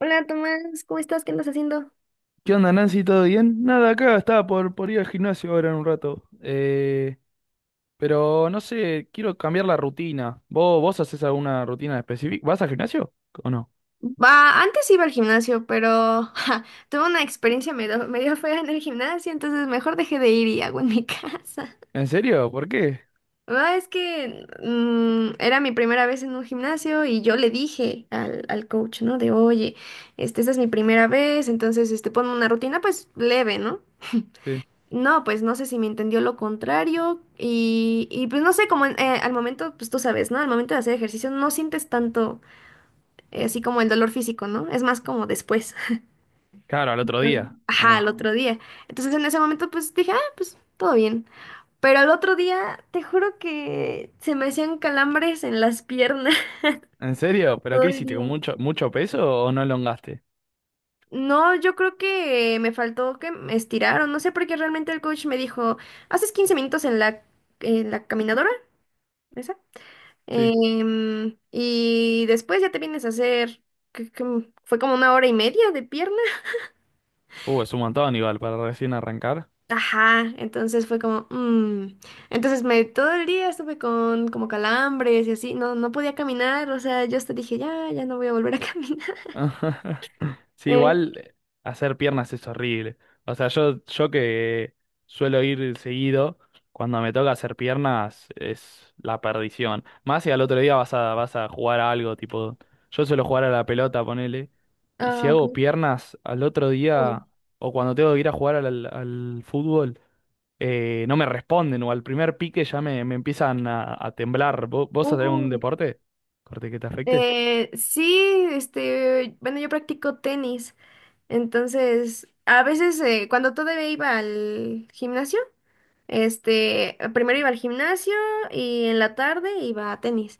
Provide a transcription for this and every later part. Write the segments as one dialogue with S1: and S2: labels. S1: Hola Tomás, ¿cómo estás? ¿Qué andas haciendo?
S2: ¿Qué onda, Nancy? ¿Todo bien? Nada, acá estaba por ir al gimnasio ahora en un rato. Pero no sé, quiero cambiar la rutina. ¿Vos haces alguna rutina específica? ¿Vas al gimnasio o no?
S1: Va, antes iba al gimnasio, pero ja, tuve una experiencia medio fea en el gimnasio, entonces mejor dejé de ir y hago en mi casa.
S2: ¿En serio? ¿Por qué?
S1: Ah, es que era mi primera vez en un gimnasio y yo le dije al coach, ¿no? De, oye, este, esta es mi primera vez, entonces, este, ponme una rutina, pues, leve, ¿no?
S2: Sí.
S1: No, pues no sé si me entendió lo contrario y pues no sé, al momento, pues tú sabes, ¿no? Al momento de hacer ejercicio no sientes tanto así como el dolor físico, ¿no? Es más como después.
S2: Claro, al otro día, ¿o
S1: Ajá, al
S2: no?
S1: otro día. Entonces en ese momento pues dije, ah, pues todo bien. Pero al otro día, te juro que se me hacían calambres en las piernas
S2: ¿En serio? ¿Pero
S1: todo
S2: qué
S1: el
S2: hiciste? ¿Con
S1: día.
S2: mucho, mucho peso o no elongaste?
S1: No, yo creo que me faltó que me estiraron, no sé por qué realmente el coach me dijo, haces 15 minutos en la caminadora, esa,
S2: Sí.
S1: y después ya te vienes a hacer, que fue como una hora y media de pierna.
S2: Es un montón igual para recién arrancar.
S1: Ajá, entonces fue como, mm. Entonces me todo el día estuve con como calambres y así, no, no podía caminar, o sea, yo hasta dije, ya, ya no voy a volver a caminar.
S2: Sí,
S1: Eh,
S2: igual hacer piernas es horrible. O sea, yo que suelo ir seguido, cuando me toca hacer piernas es la perdición. Más si al otro día vas a jugar a algo, tipo, yo suelo jugar a la pelota, ponele. Y si
S1: ah, ok.
S2: hago piernas al otro
S1: Uy.
S2: día, o cuando tengo que ir a jugar al fútbol, no me responden, o al primer pique ya me empiezan a temblar. ¿Vos hacés un
S1: Uy.
S2: deporte? Corte que te afecte.
S1: Sí, este, bueno, yo practico tenis, entonces a veces cuando todavía iba al gimnasio. Este, primero iba al gimnasio y en la tarde iba a tenis.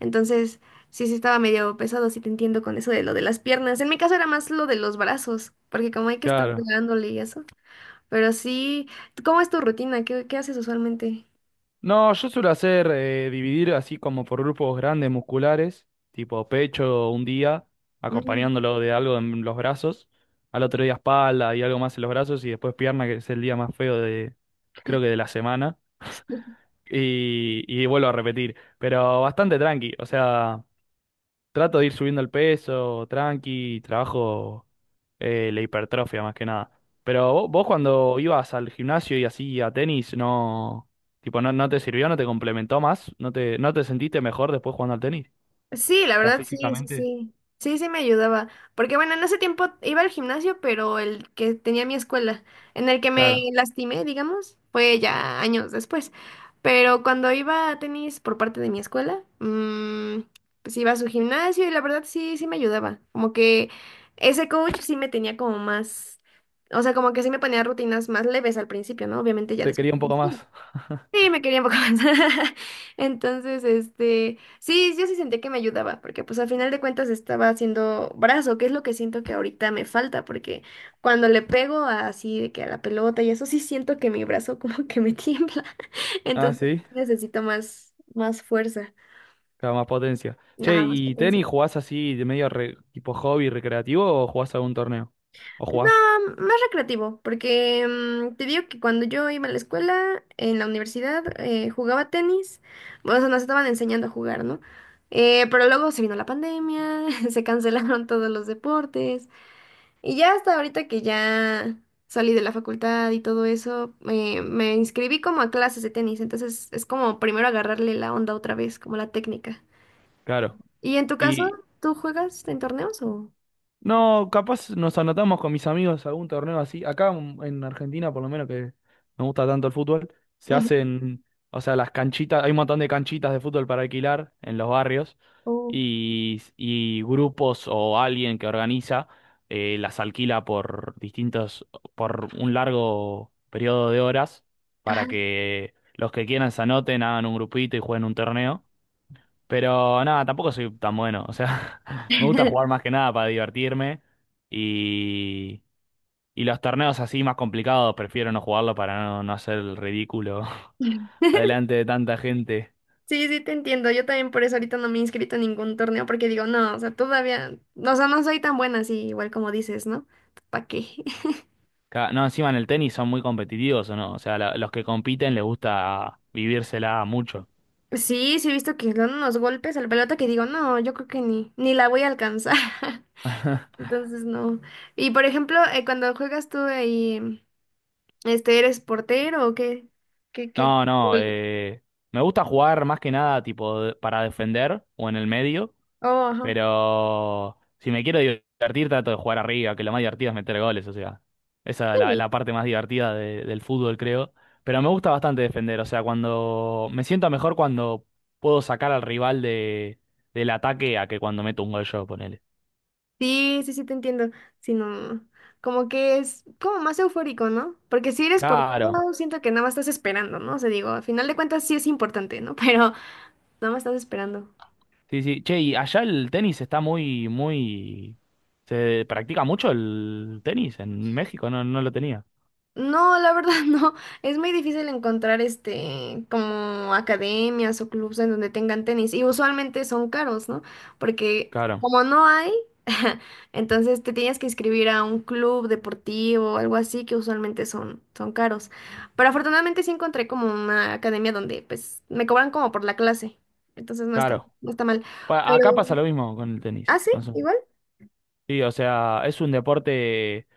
S1: Entonces, sí, sí estaba medio pesado, sí te entiendo con eso de lo de las piernas. En mi caso era más lo de los brazos, porque como hay que estar
S2: Claro.
S1: pegándole y eso. Pero sí, ¿cómo es tu rutina? ¿Qué, qué haces usualmente?
S2: No, yo suelo hacer dividir así como por grupos grandes musculares, tipo pecho un día,
S1: Mm,
S2: acompañándolo de algo en los brazos, al otro día espalda y algo más en los brazos, y después pierna, que es el día más feo de, creo que de la semana,
S1: sí.
S2: y vuelvo a repetir, pero bastante tranqui, o sea. Trato de ir subiendo el peso, tranqui, trabajo la hipertrofia más que nada. Pero vos, cuando ibas al gimnasio y así a tenis, no, tipo, no te sirvió, no te complementó más, no te sentiste mejor después jugando al tenis.
S1: Sí, la
S2: ¿Estás
S1: verdad, sí, sí,
S2: físicamente?
S1: sí. Sí, sí me ayudaba. Porque bueno, en ese tiempo iba al gimnasio, pero el que tenía mi escuela, en el que me
S2: Claro,
S1: lastimé, digamos, fue ya años después. Pero cuando iba a tenis por parte de mi escuela, pues iba a su gimnasio y la verdad sí, sí me ayudaba. Como que ese coach sí me tenía como más, o sea, como que sí me ponía rutinas más leves al principio, ¿no? Obviamente ya
S2: te quería
S1: después.
S2: un poco más.
S1: Sí, me quería un poco más. Entonces, este, sí, yo sí sentí que me ayudaba, porque pues al final de cuentas estaba haciendo brazo, que es lo que siento que ahorita me falta, porque cuando le pego así de que a la pelota y eso sí siento que mi brazo como que me tiembla.
S2: Ah,
S1: Entonces
S2: sí,
S1: sí necesito más, más fuerza.
S2: claro, más potencia. Che,
S1: Ajá, más
S2: ¿y
S1: potencia.
S2: tenis jugás así de medio tipo hobby recreativo o jugás algún torneo? ¿O jugaste?
S1: No, más recreativo, porque te digo que cuando yo iba a la escuela, en la universidad, jugaba tenis, bueno, o sea, nos estaban enseñando a jugar, ¿no? Pero luego se vino la pandemia, se cancelaron todos los deportes, y ya hasta ahorita que ya salí de la facultad y todo eso, me inscribí como a clases de tenis, entonces es como primero agarrarle la onda otra vez, como la técnica.
S2: Claro,
S1: ¿Y en tu caso,
S2: y
S1: tú juegas en torneos o...?
S2: no, capaz nos anotamos con mis amigos a algún torneo así. Acá en Argentina, por lo menos que me gusta tanto el fútbol, se
S1: Ujú.
S2: hacen, o sea, las canchitas, hay un montón de canchitas de fútbol para alquilar en los barrios
S1: O-
S2: y grupos o alguien que organiza las alquila por distintos, por un largo periodo de horas para
S1: Ajá.
S2: que los que quieran se anoten, hagan un grupito y jueguen un torneo. Pero nada, tampoco soy tan bueno. O sea, me gusta jugar más que nada para divertirme. Y, y los torneos así más complicados prefiero no jugarlo para no hacer el ridículo adelante de tanta gente.
S1: Sí, sí, te entiendo. Yo también por eso ahorita no me he inscrito en ningún torneo porque digo, no, o sea, todavía, o sea, no soy tan buena así, igual como dices, ¿no? ¿Para qué?
S2: No, encima en el tenis son muy competitivos, ¿o no? O sea, los que compiten les gusta vivírsela mucho.
S1: Sí, sí he visto que le dan unos golpes al pelota que digo, no, yo creo que ni la voy a alcanzar. Entonces, no. Y por ejemplo, cuando juegas tú ahí, este, ¿eres portero o qué? ¿Qué, qué?
S2: No, no, me gusta jugar más que nada tipo para defender o en el medio.
S1: Oh, ajá.
S2: Pero si me quiero divertir, trato de jugar arriba, que lo más divertido es meter goles, o sea, esa es la
S1: Sí.
S2: parte más divertida del fútbol, creo. Pero me gusta bastante defender, o sea, cuando me siento mejor cuando puedo sacar al rival del ataque a que cuando meto un gol yo, ponele.
S1: Sí, sí, sí, te entiendo. Sino, como que es como más eufórico, ¿no? Porque si eres portero,
S2: Claro.
S1: siento que nada más estás esperando, ¿no? O sea, digo, al final de cuentas sí es importante, ¿no? Pero nada más estás esperando.
S2: Sí, sí. Che, y allá el tenis está muy, muy. ¿Se practica mucho el tenis en México? No, no lo tenía.
S1: No, la verdad no. Es muy difícil encontrar este como academias o clubs en donde tengan tenis y usualmente son caros, ¿no? Porque
S2: Claro,
S1: como no hay, entonces te tienes que inscribir a un club deportivo o algo así que usualmente son son caros. Pero afortunadamente sí encontré como una academia donde pues me cobran como por la clase. Entonces no está
S2: claro.
S1: no está mal.
S2: Bueno,
S1: Pero
S2: acá pasa lo mismo con el
S1: ah,
S2: tenis.
S1: sí, igual.
S2: Sí, o sea, es un deporte,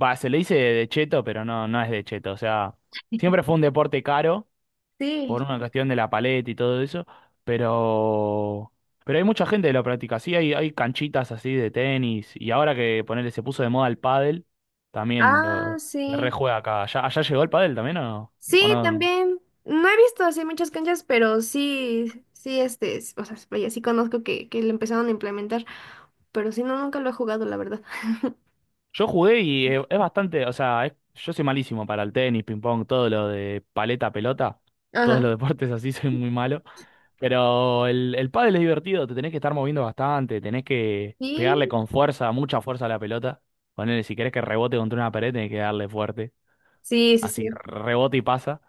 S2: va, se le dice de cheto, pero no es de cheto. O sea, siempre fue un deporte caro por
S1: Sí.
S2: una cuestión de la paleta y todo eso, pero, pero hay mucha gente que lo practica. Sí, hay canchitas así de tenis y ahora que ponele se puso de moda el pádel, también
S1: Ah,
S2: se
S1: sí.
S2: rejuega acá. ¿Allá llegó el pádel también o no? ¿O
S1: Sí,
S2: no?
S1: también. No he visto así muchas canchas, pero sí, sí, este, s- o sea, vaya, sí conozco que lo empezaron a implementar, pero sí, no, nunca lo he jugado, la verdad.
S2: Yo jugué y es bastante, o sea, yo soy malísimo para el tenis, ping pong, todo lo de paleta, pelota, todos
S1: Ajá.
S2: los deportes así soy muy malo. Pero el pádel es divertido, te tenés que estar moviendo bastante, tenés que pegarle
S1: Sí,
S2: con fuerza, mucha fuerza a la pelota. Ponele, si querés que rebote contra una pared, tenés que darle fuerte.
S1: sí, sí,
S2: Así
S1: sí.
S2: rebote y pasa.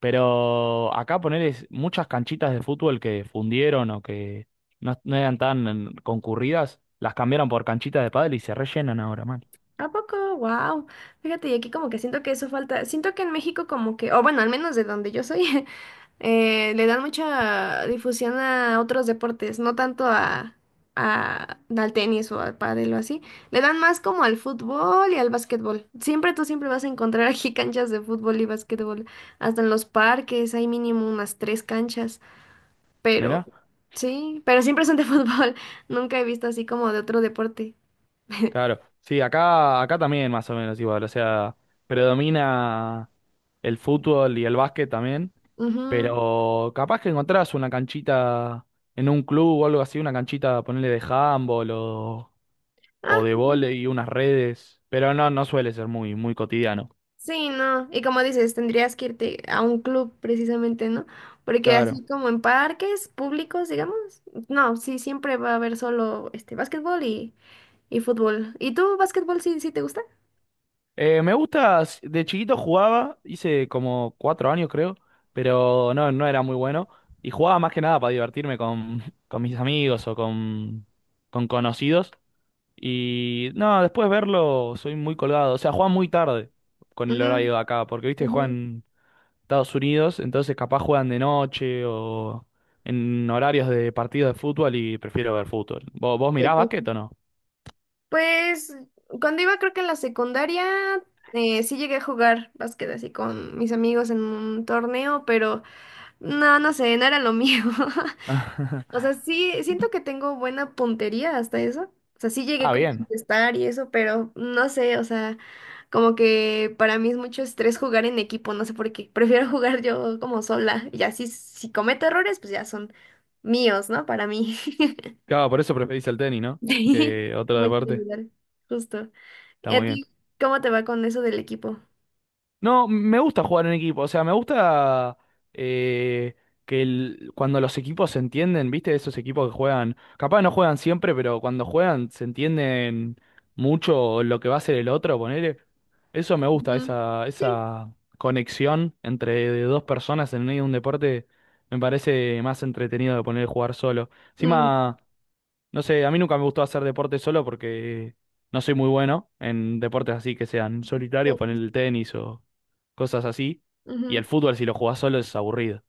S2: Pero acá ponele muchas canchitas de fútbol que fundieron o que no eran tan concurridas, las cambiaron por canchitas de pádel y se rellenan ahora, man.
S1: ¿A poco? Wow. Fíjate, y aquí como que siento que eso falta. Siento que en México como que, o bueno, al menos de donde yo soy, le dan mucha difusión a otros deportes, no tanto a- al tenis o al pádel o así. Le dan más como al fútbol y al básquetbol. Siempre tú siempre vas a encontrar aquí canchas de fútbol y básquetbol. Hasta en los parques hay mínimo unas tres canchas, pero
S2: Mirá,
S1: sí, pero siempre son de fútbol. Nunca he visto así como de otro deporte.
S2: claro. Sí, acá también más o menos igual. O sea, predomina el fútbol y el básquet también.
S1: Ujú.
S2: Pero capaz que encontrás una canchita en un club o algo así, una canchita, ponerle de handball o,
S1: Ah,
S2: o de vóley y unas redes. Pero no suele ser muy, muy cotidiano.
S1: sí, no. Y como dices, tendrías que irte a un club precisamente, ¿no? Porque así
S2: Claro.
S1: como en parques públicos, digamos, no, sí, siempre va a haber solo este básquetbol y fútbol. ¿Y tú, básquetbol, sí, sí te gusta?
S2: Me gusta, de chiquito jugaba, hice como 4 años creo, pero no era muy bueno. Y jugaba más que nada para divertirme con, con mis amigos o con conocidos. Y no, después verlo, soy muy colgado. O sea, jugaba muy tarde con el
S1: Mm,
S2: horario de acá, porque viste,
S1: ujú.
S2: juegan Estados Unidos, entonces capaz juegan de noche o en horarios de partidos de fútbol y prefiero ver fútbol. ¿Vos mirás básquet
S1: Sí.
S2: o no?
S1: Pues, cuando iba creo que en la secundaria, sí llegué a jugar básquet así con mis amigos en un torneo, pero no, no sé, no era lo mío. O sea, sí, siento que tengo buena puntería hasta eso. O sea, sí llegué
S2: Ah,
S1: como a
S2: bien.
S1: contestar y eso, pero no sé, o sea, como que para mí es mucho estrés jugar en equipo, no sé por qué. Prefiero jugar yo como sola. Y así, si cometo errores, pues ya son míos, ¿no? Para mí.
S2: Claro, por eso preferís el tenis, ¿no?
S1: Sí,
S2: Que otro
S1: muy
S2: deporte.
S1: individual, justo.
S2: Está
S1: ¿Y a
S2: muy bien.
S1: ti cómo te va con eso del equipo?
S2: No, me gusta jugar en equipo, o sea, me gusta eh, que cuando los equipos se entienden, ¿viste? Esos equipos que juegan, capaz no juegan siempre, pero cuando juegan se entienden mucho lo que va a hacer el otro, ponele. Eso me gusta,
S1: Ujú.
S2: esa,
S1: Sí.
S2: esa conexión entre dos personas en medio de un deporte me parece más entretenido de poner jugar solo.
S1: Mm,
S2: Encima, no sé, a mí nunca me gustó hacer deporte solo porque no soy muy bueno en deportes así que sean solitarios, poner
S1: todos.
S2: el tenis o cosas así. Y
S1: Ujú.
S2: el fútbol, si lo jugás solo, es aburrido.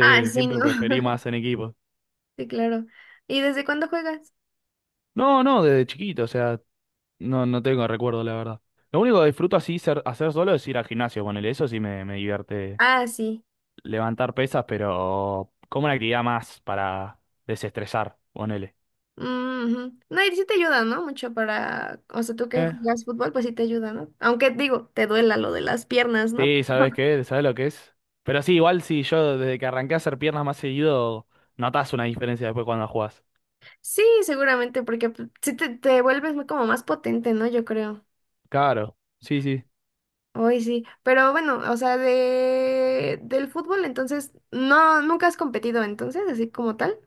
S1: Ah, sí, ¿no?
S2: siempre preferí más en equipo.
S1: Sí, claro. ¿Y desde cuándo juegas?
S2: No, no, desde chiquito, o sea, no tengo recuerdo, la verdad. Lo único que disfruto así hacer solo es ir al gimnasio, ponele, eso sí me divierte
S1: Ah, sí.
S2: levantar pesas, pero como una actividad más para desestresar, ponele.
S1: Ujú. No, y sí te ayuda, ¿no? Mucho para, o sea, tú que juegas fútbol, pues sí te ayuda, ¿no? Aunque digo, te duela lo de las piernas, ¿no?
S2: Sí, ¿sabes qué? ¿Sabes lo que es? Pero sí, igual sí, yo desde que arranqué a hacer piernas más seguido, notas una diferencia después cuando jugás.
S1: Sí, seguramente, porque pues, sí te vuelves muy, como más potente, ¿no? Yo creo.
S2: Claro, sí, sí.
S1: Hoy sí. Pero bueno, o sea, de del fútbol, entonces, no, nunca has competido entonces, así como tal.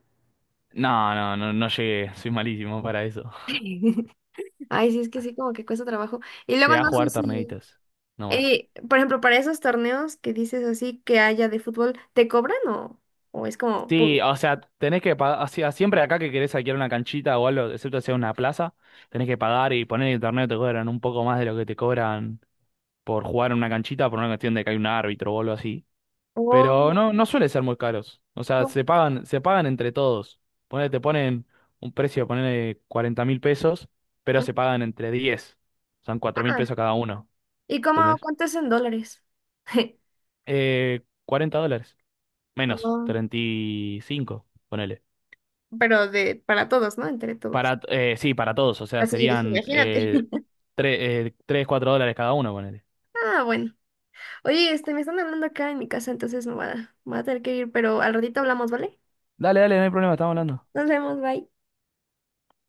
S2: No, no, no, no llegué, soy malísimo para eso.
S1: Ay, sí, es que sí, como que cuesta trabajo. Y luego
S2: Llegué a
S1: no sé
S2: jugar
S1: si,
S2: torneitos, no más.
S1: por ejemplo, para esos torneos que dices así que haya de fútbol, ¿te cobran o es como
S2: Sí,
S1: público?
S2: o sea, tenés que pagar, siempre acá que querés alquilar una canchita o algo, excepto sea una plaza, tenés que pagar y poner en el torneo te cobran un poco más de lo que te cobran por jugar en una canchita por una cuestión de que hay un árbitro o algo así.
S1: Oh,
S2: Pero no suele ser muy caros. O sea, se pagan entre todos. Ponele, te ponen un precio, ponele 40.000 pesos, pero se pagan entre 10. Son cuatro mil
S1: ah,
S2: pesos cada uno,
S1: ¿y cómo
S2: ¿entendés?
S1: cuánto es en dólares?
S2: $40. Menos,
S1: Oh,
S2: 35 ponele.
S1: pero de para todos, ¿no? Entre todos.
S2: Para, sí, para todos. O sea,
S1: Así yo dije,
S2: serían
S1: imagínate.
S2: tres, cuatro dólares cada uno, ponele.
S1: Ah, bueno. Oye, este, me están hablando acá en mi casa, entonces me voy a tener que ir, pero al ratito hablamos, ¿vale?
S2: Dale, dale, no hay problema, estamos hablando.
S1: Nos vemos, bye.